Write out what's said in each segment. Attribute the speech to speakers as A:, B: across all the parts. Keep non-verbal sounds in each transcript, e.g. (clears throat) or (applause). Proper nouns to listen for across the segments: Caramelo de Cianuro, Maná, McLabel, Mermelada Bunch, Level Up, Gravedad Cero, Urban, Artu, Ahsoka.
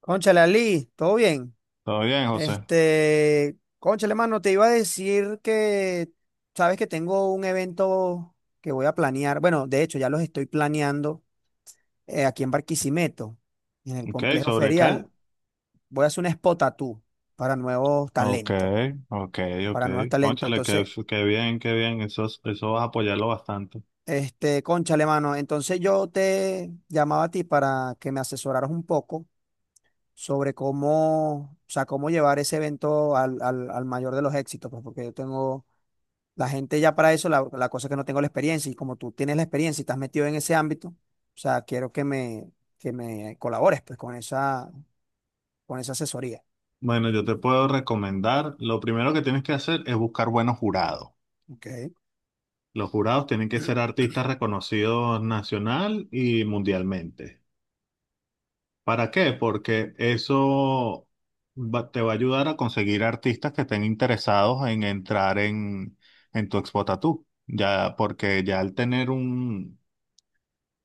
A: Cónchale, Ali, ¿todo bien?
B: ¿Todo bien, José?
A: Cónchale, mano, te iba a decir que, sabes que tengo un evento que voy a planear. Bueno, de hecho ya los estoy planeando aquí en Barquisimeto, en el
B: Ok,
A: complejo
B: ¿sobre qué?
A: ferial. Voy a hacer un spot tattoo para nuevos
B: Ok,
A: talentos,
B: ok, ok.
A: para nuevos talentos.
B: Cónchale, qué,
A: Entonces,
B: qué bien, qué bien. Eso, eso vas a apoyarlo bastante.
A: cónchale, mano, entonces yo te llamaba a ti para que me asesoraras un poco sobre cómo, o sea, cómo llevar ese evento al mayor de los éxitos, pues, porque yo tengo la gente ya para eso. La cosa es que no tengo la experiencia y como tú tienes la experiencia y estás metido en ese ámbito, o sea, quiero que me colabores pues con esa asesoría.
B: Bueno, yo te puedo recomendar, lo primero que tienes que hacer es buscar buenos jurados.
A: Ok.
B: Los jurados tienen que ser artistas reconocidos nacional y mundialmente. ¿Para qué? Porque eso te va a ayudar a conseguir artistas que estén interesados en entrar en tu Expo Tattoo. Ya, porque ya al tener un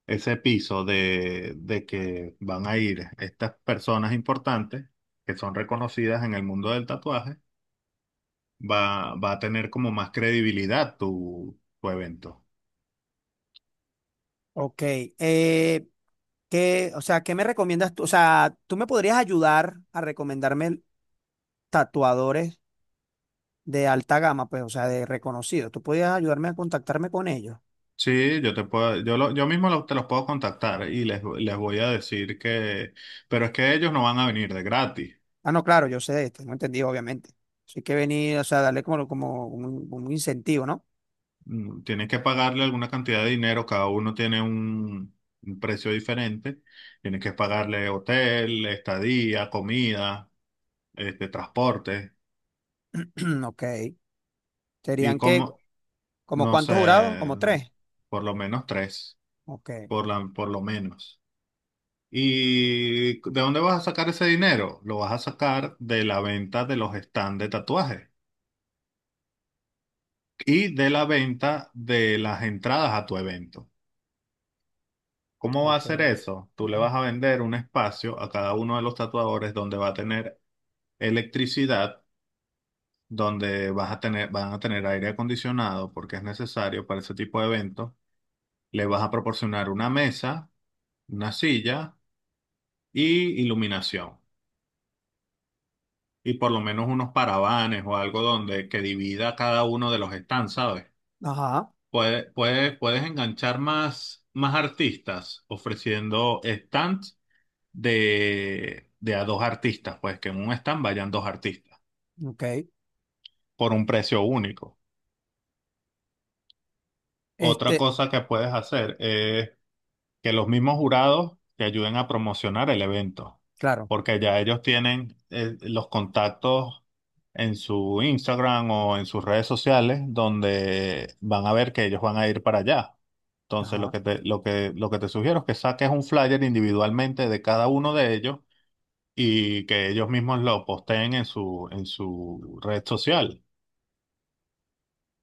B: ese piso de que van a ir estas personas importantes que son reconocidas en el mundo del tatuaje, va, va a tener como más credibilidad tu evento.
A: Ok. eh, o sea, ¿qué me recomiendas tú? O sea, ¿tú me podrías ayudar a recomendarme tatuadores de alta gama, pues, o sea, de reconocidos? ¿Tú podrías ayudarme a contactarme con ellos?
B: Sí, yo te puedo, yo, yo mismo te los puedo contactar y les voy a decir que, pero es que ellos no van a venir de gratis.
A: Ah, no, claro, yo sé de esto, no entendí, obviamente. Así que venir, o sea, darle como, como un incentivo, ¿no?
B: Mm, tienes que pagarle alguna cantidad de dinero, cada uno tiene un precio diferente. Tienes que pagarle hotel, estadía, comida, transporte.
A: (clears throat) Ok.
B: Y
A: Serían que...
B: como,
A: ¿Como
B: no
A: cuántos jurados?
B: sé,
A: Como tres.
B: por lo menos tres,
A: Ok,
B: por la, por lo menos. ¿Y de dónde vas a sacar ese dinero? Lo vas a sacar de la venta de los stands de tatuajes y de la venta de las entradas a tu evento. ¿Cómo va a hacer
A: ok.
B: eso? Tú le vas a vender un espacio a cada uno de los tatuadores donde va a tener electricidad, donde vas a tener, van a tener aire acondicionado porque es necesario para ese tipo de eventos. Le vas a proporcionar una mesa, una silla y iluminación. Y por lo menos unos paravanes o algo donde que divida cada uno de los stands, ¿sabes?
A: Ajá,
B: Puede, puedes enganchar más, más artistas ofreciendo stands de a dos artistas, pues que en un stand vayan dos artistas
A: ok.
B: por un precio único. Otra
A: Este,
B: cosa que puedes hacer es que los mismos jurados te ayuden a promocionar el evento,
A: claro,
B: porque ya ellos tienen los contactos en su Instagram o en sus redes sociales donde van a ver que ellos van a ir para allá. Entonces,
A: ajá.
B: lo que te sugiero es que saques un flyer individualmente de cada uno de ellos y que ellos mismos lo posteen en su red social.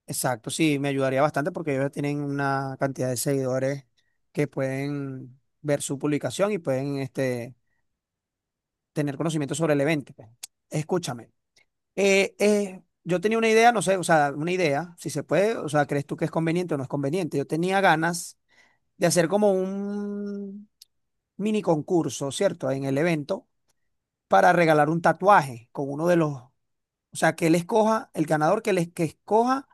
A: Exacto, sí, me ayudaría bastante porque ellos tienen una cantidad de seguidores que pueden ver su publicación y pueden tener conocimiento sobre el evento, pues. Escúchame, yo tenía una idea, no sé, o sea, una idea, si se puede, o sea, ¿crees tú que es conveniente o no es conveniente? Yo tenía ganas de hacer como un mini concurso, ¿cierto? En el evento para regalar un tatuaje con uno de los, o sea, que él escoja, el ganador que, les, que escoja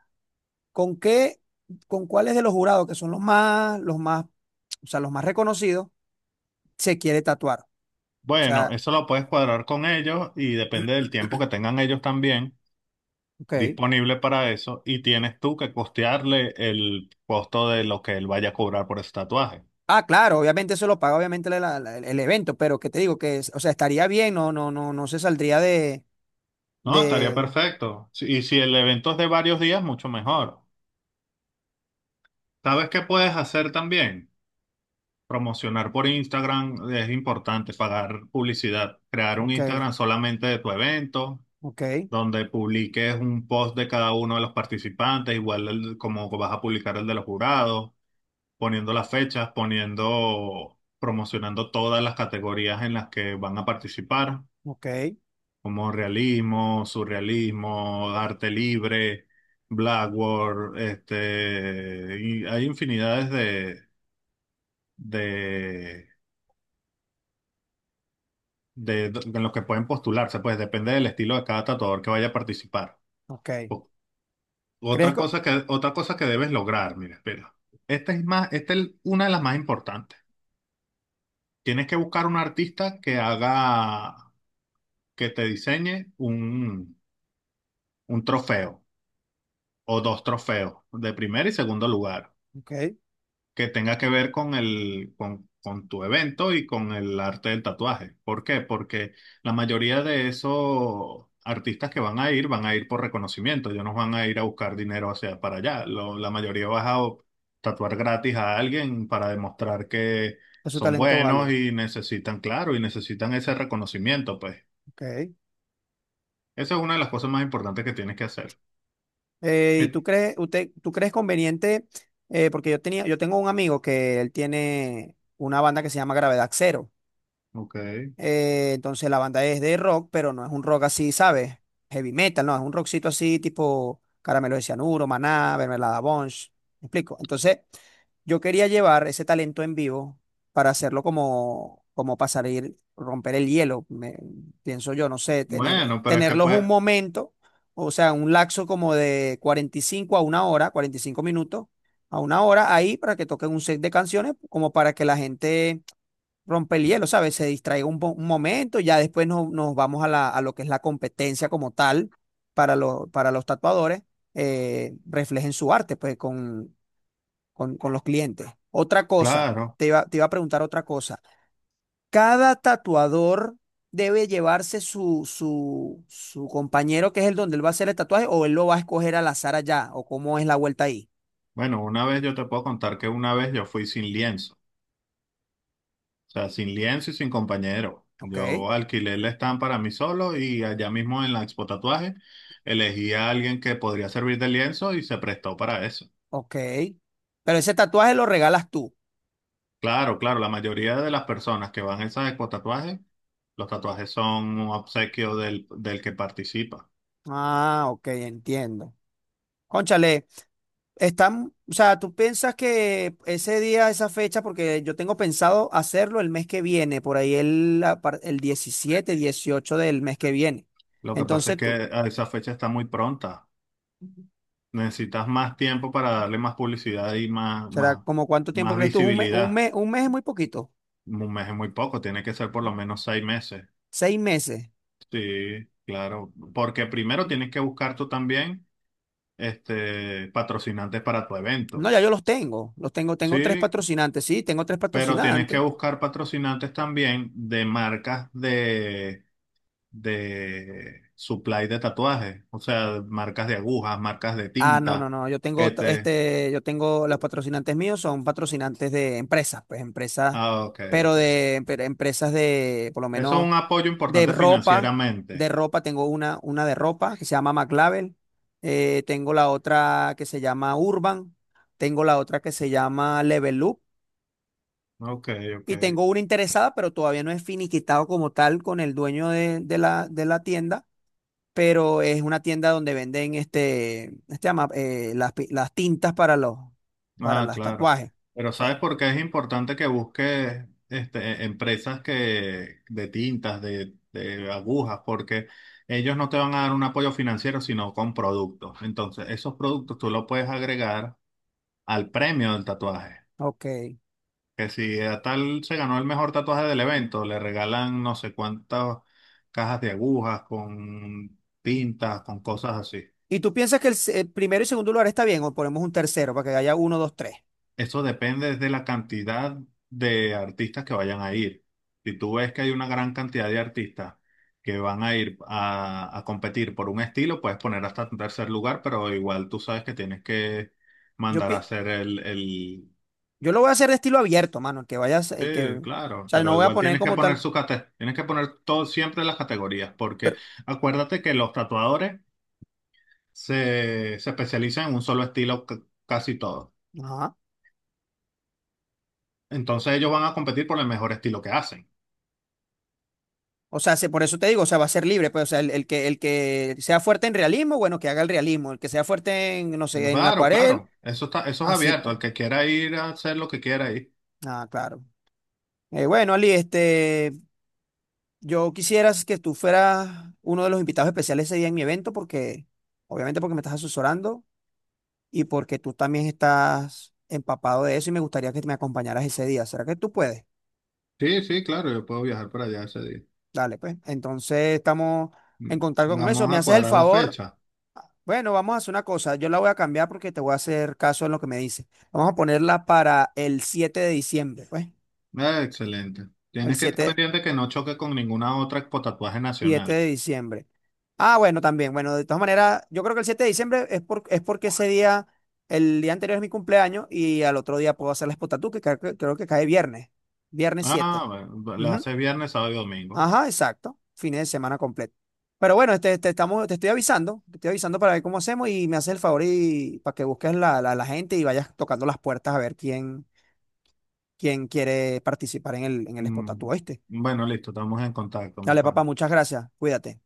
A: con qué, con cuáles de los jurados, que son o sea, los más reconocidos, se quiere tatuar. O
B: Bueno,
A: sea,
B: eso lo puedes cuadrar con ellos y depende del tiempo que tengan ellos también
A: ok.
B: disponible para eso, y tienes tú que costearle el costo de lo que él vaya a cobrar por ese tatuaje.
A: Ah, claro, obviamente eso lo paga obviamente el evento, pero que te digo que, o sea, estaría bien, no se saldría de,
B: No, estaría
A: de,
B: perfecto. Y si el evento es de varios días, mucho mejor. ¿Sabes qué puedes hacer también? Promocionar por Instagram es importante, pagar publicidad, crear un
A: ok,
B: Instagram solamente de tu evento,
A: ok,
B: donde publiques un post de cada uno de los participantes, igual como vas a publicar el de los jurados, poniendo las fechas, poniendo, promocionando todas las categorías en las que van a participar,
A: ok,
B: como realismo, surrealismo, arte libre, blackboard, y hay infinidades de de en los que pueden postularse, pues depende del estilo de cada tatuador que vaya a participar.
A: ok.
B: O-
A: ¿Crees que,
B: otra cosa que debes lograr, mira, espera. Esta es más, esta es una de las más importantes. Tienes que buscar un artista que haga, que te diseñe un trofeo o dos trofeos de primer y segundo lugar,
A: ok,
B: que tenga que ver con el, con tu evento y con el arte del tatuaje. ¿Por qué? Porque la mayoría de esos artistas que van a ir por reconocimiento, ellos no van a ir a buscar dinero hacia para allá. La mayoría vas a tatuar gratis a alguien para demostrar que
A: que su
B: son
A: talento
B: buenos
A: vale?
B: y necesitan, claro, y necesitan ese reconocimiento, pues.
A: Ok.
B: Esa es una de las cosas más importantes que tienes que hacer.
A: ¿Y tú
B: Eh,
A: crees, usted, tú crees conveniente? Porque yo tenía, yo tengo un amigo que él tiene una banda que se llama Gravedad Cero.
B: Ok.
A: Entonces la banda es de rock, pero no es un rock así, ¿sabes? Heavy metal, no, es un rockcito así tipo Caramelo de Cianuro, Maná, Mermelada Bunch, ¿me explico? Entonces yo quería llevar ese talento en vivo para hacerlo como, como pasar a ir romper el hielo, pienso yo, no sé,
B: Bueno, pero es que
A: tenerlos un
B: pues,
A: momento, o sea, un laxo como de 45 a una hora, 45 minutos a una hora ahí para que toquen un set de canciones, como para que la gente rompe el hielo, ¿sabes? Se distraiga un momento, ya después nos vamos a, a lo que es la competencia como tal para, para los tatuadores, reflejen su arte pues con, con los clientes. Otra cosa,
B: claro.
A: te iba a preguntar otra cosa. Cada tatuador debe llevarse su compañero que es el donde él va a hacer el tatuaje o él lo va a escoger al azar allá o cómo es la vuelta ahí.
B: Bueno, una vez yo te puedo contar que una vez yo fui sin lienzo, o sea, sin lienzo y sin compañero.
A: Ok,
B: Yo alquilé el stand para mí solo y allá mismo en la Expo Tatuaje elegí a alguien que podría servir de lienzo y se prestó para eso.
A: ok. Pero ese tatuaje lo regalas tú.
B: Claro, claro, la mayoría de las personas que van a esas Expo Tatuajes, los tatuajes son un obsequio del que participa.
A: Ah, ok, entiendo. Cónchale. Están, o sea, tú piensas que ese día, esa fecha, porque yo tengo pensado hacerlo el mes que viene, por ahí el 17, 18 del mes que viene.
B: Lo que pasa es
A: Entonces
B: que
A: tú,
B: a esa fecha está muy pronta. Necesitas más tiempo para darle más publicidad y
A: ¿será como cuánto tiempo
B: más
A: crees tú? Un mes, un
B: visibilidad.
A: mes, un mes es muy poquito,
B: Un mes es muy poco, tiene que ser por lo menos seis meses.
A: 6 meses.
B: Sí, claro. Porque primero tienes que buscar tú también patrocinantes para tu
A: No,
B: evento.
A: ya yo los tengo, tengo tres
B: Sí,
A: patrocinantes, sí, tengo tres
B: pero tienes
A: patrocinantes.
B: que buscar patrocinantes también de marcas de supply de tatuajes. O sea, marcas de agujas, marcas de
A: Ah, no, no,
B: tinta,
A: no,
B: que te...
A: yo tengo, los patrocinantes míos son patrocinantes de empresas, pues empresas,
B: Ah, ok,
A: pero
B: ok.
A: de, pero empresas de, por lo
B: Eso es
A: menos.
B: un apoyo
A: De
B: importante
A: ropa, de
B: financieramente.
A: ropa, tengo una de ropa que se llama McLabel, tengo la otra que se llama Urban, tengo la otra que se llama Level Up
B: Ok, ok.
A: y tengo una interesada, pero todavía no es finiquitado como tal con el dueño de, de la tienda, pero es una tienda donde venden este, las, las tintas para
B: Ah,
A: los
B: claro.
A: tatuajes.
B: Pero
A: O sea,
B: ¿sabes por qué es importante que busques empresas que, de agujas? Porque ellos no te van a dar un apoyo financiero, sino con productos. Entonces, esos productos tú los puedes agregar al premio del tatuaje.
A: ok.
B: Que si a tal se ganó el mejor tatuaje del evento, le regalan no sé cuántas cajas de agujas con tintas, con cosas así.
A: ¿Y tú piensas que el primero y segundo lugar está bien o ponemos un tercero para que haya uno, dos, tres?
B: Eso depende de la cantidad de artistas que vayan a ir. Si tú ves que hay una gran cantidad de artistas que van a ir a competir por un estilo, puedes poner hasta un tercer lugar, pero igual tú sabes que tienes que
A: Yo
B: mandar a
A: pienso.
B: hacer el...
A: Yo lo voy a hacer de estilo abierto, mano, el que vayas, el que,
B: Sí,
A: o
B: claro,
A: sea, no
B: pero
A: voy a
B: igual
A: poner
B: tienes que
A: como
B: poner
A: tal,
B: su tienes que poner todo, siempre las categorías, porque
A: pero,
B: acuérdate que los tatuadores se, se especializan en un solo estilo casi todo.
A: ajá.
B: Entonces ellos van a competir por el mejor estilo que hacen.
A: O sea, por eso te digo, o sea, va a ser libre, pues, o sea, el que sea fuerte en realismo, bueno, que haga el realismo, el que sea fuerte en, no sé, en la
B: Claro,
A: acuarel,
B: claro. Eso está, eso es
A: así,
B: abierto.
A: pues.
B: Al que quiera ir a hacer lo que quiera ir.
A: Ah, claro. Bueno, Ali, yo quisiera que tú fueras uno de los invitados especiales ese día en mi evento, porque, obviamente, porque me estás asesorando y porque tú también estás empapado de eso y me gustaría que me acompañaras ese día. ¿Será que tú puedes?
B: Sí, sí, claro, yo puedo viajar para allá ese día.
A: Dale, pues. Entonces estamos
B: Mm.
A: en contacto con eso.
B: Vamos
A: ¿Me
B: a
A: haces el
B: cuadrar la
A: favor?
B: fecha.
A: Bueno, vamos a hacer una cosa. Yo la voy a cambiar porque te voy a hacer caso en lo que me dice. Vamos a ponerla para el 7 de diciembre, pues.
B: Excelente.
A: El
B: Tienes que estar
A: siete,
B: pendiente que no choque con ninguna otra expo tatuaje
A: siete
B: nacional.
A: de diciembre. Ah, bueno, también. Bueno, de todas maneras, yo creo que el 7 de diciembre es, es porque ese día, el día anterior es mi cumpleaños y al otro día puedo hacer la espotatu, que creo que cae viernes. Viernes 7.
B: Ah, bueno, la hace viernes, sábado y domingo.
A: Ajá, exacto. Fines de semana completo. Pero bueno, te estoy avisando para ver cómo hacemos y me haces el favor y para que busques la gente y vayas tocando las puertas a ver quién, quién quiere participar en en el Spot Tattoo,
B: Mm.
A: ¿oíste?
B: Bueno, listo, estamos en contacto, mi
A: Dale, papá,
B: pana.
A: muchas gracias. Cuídate.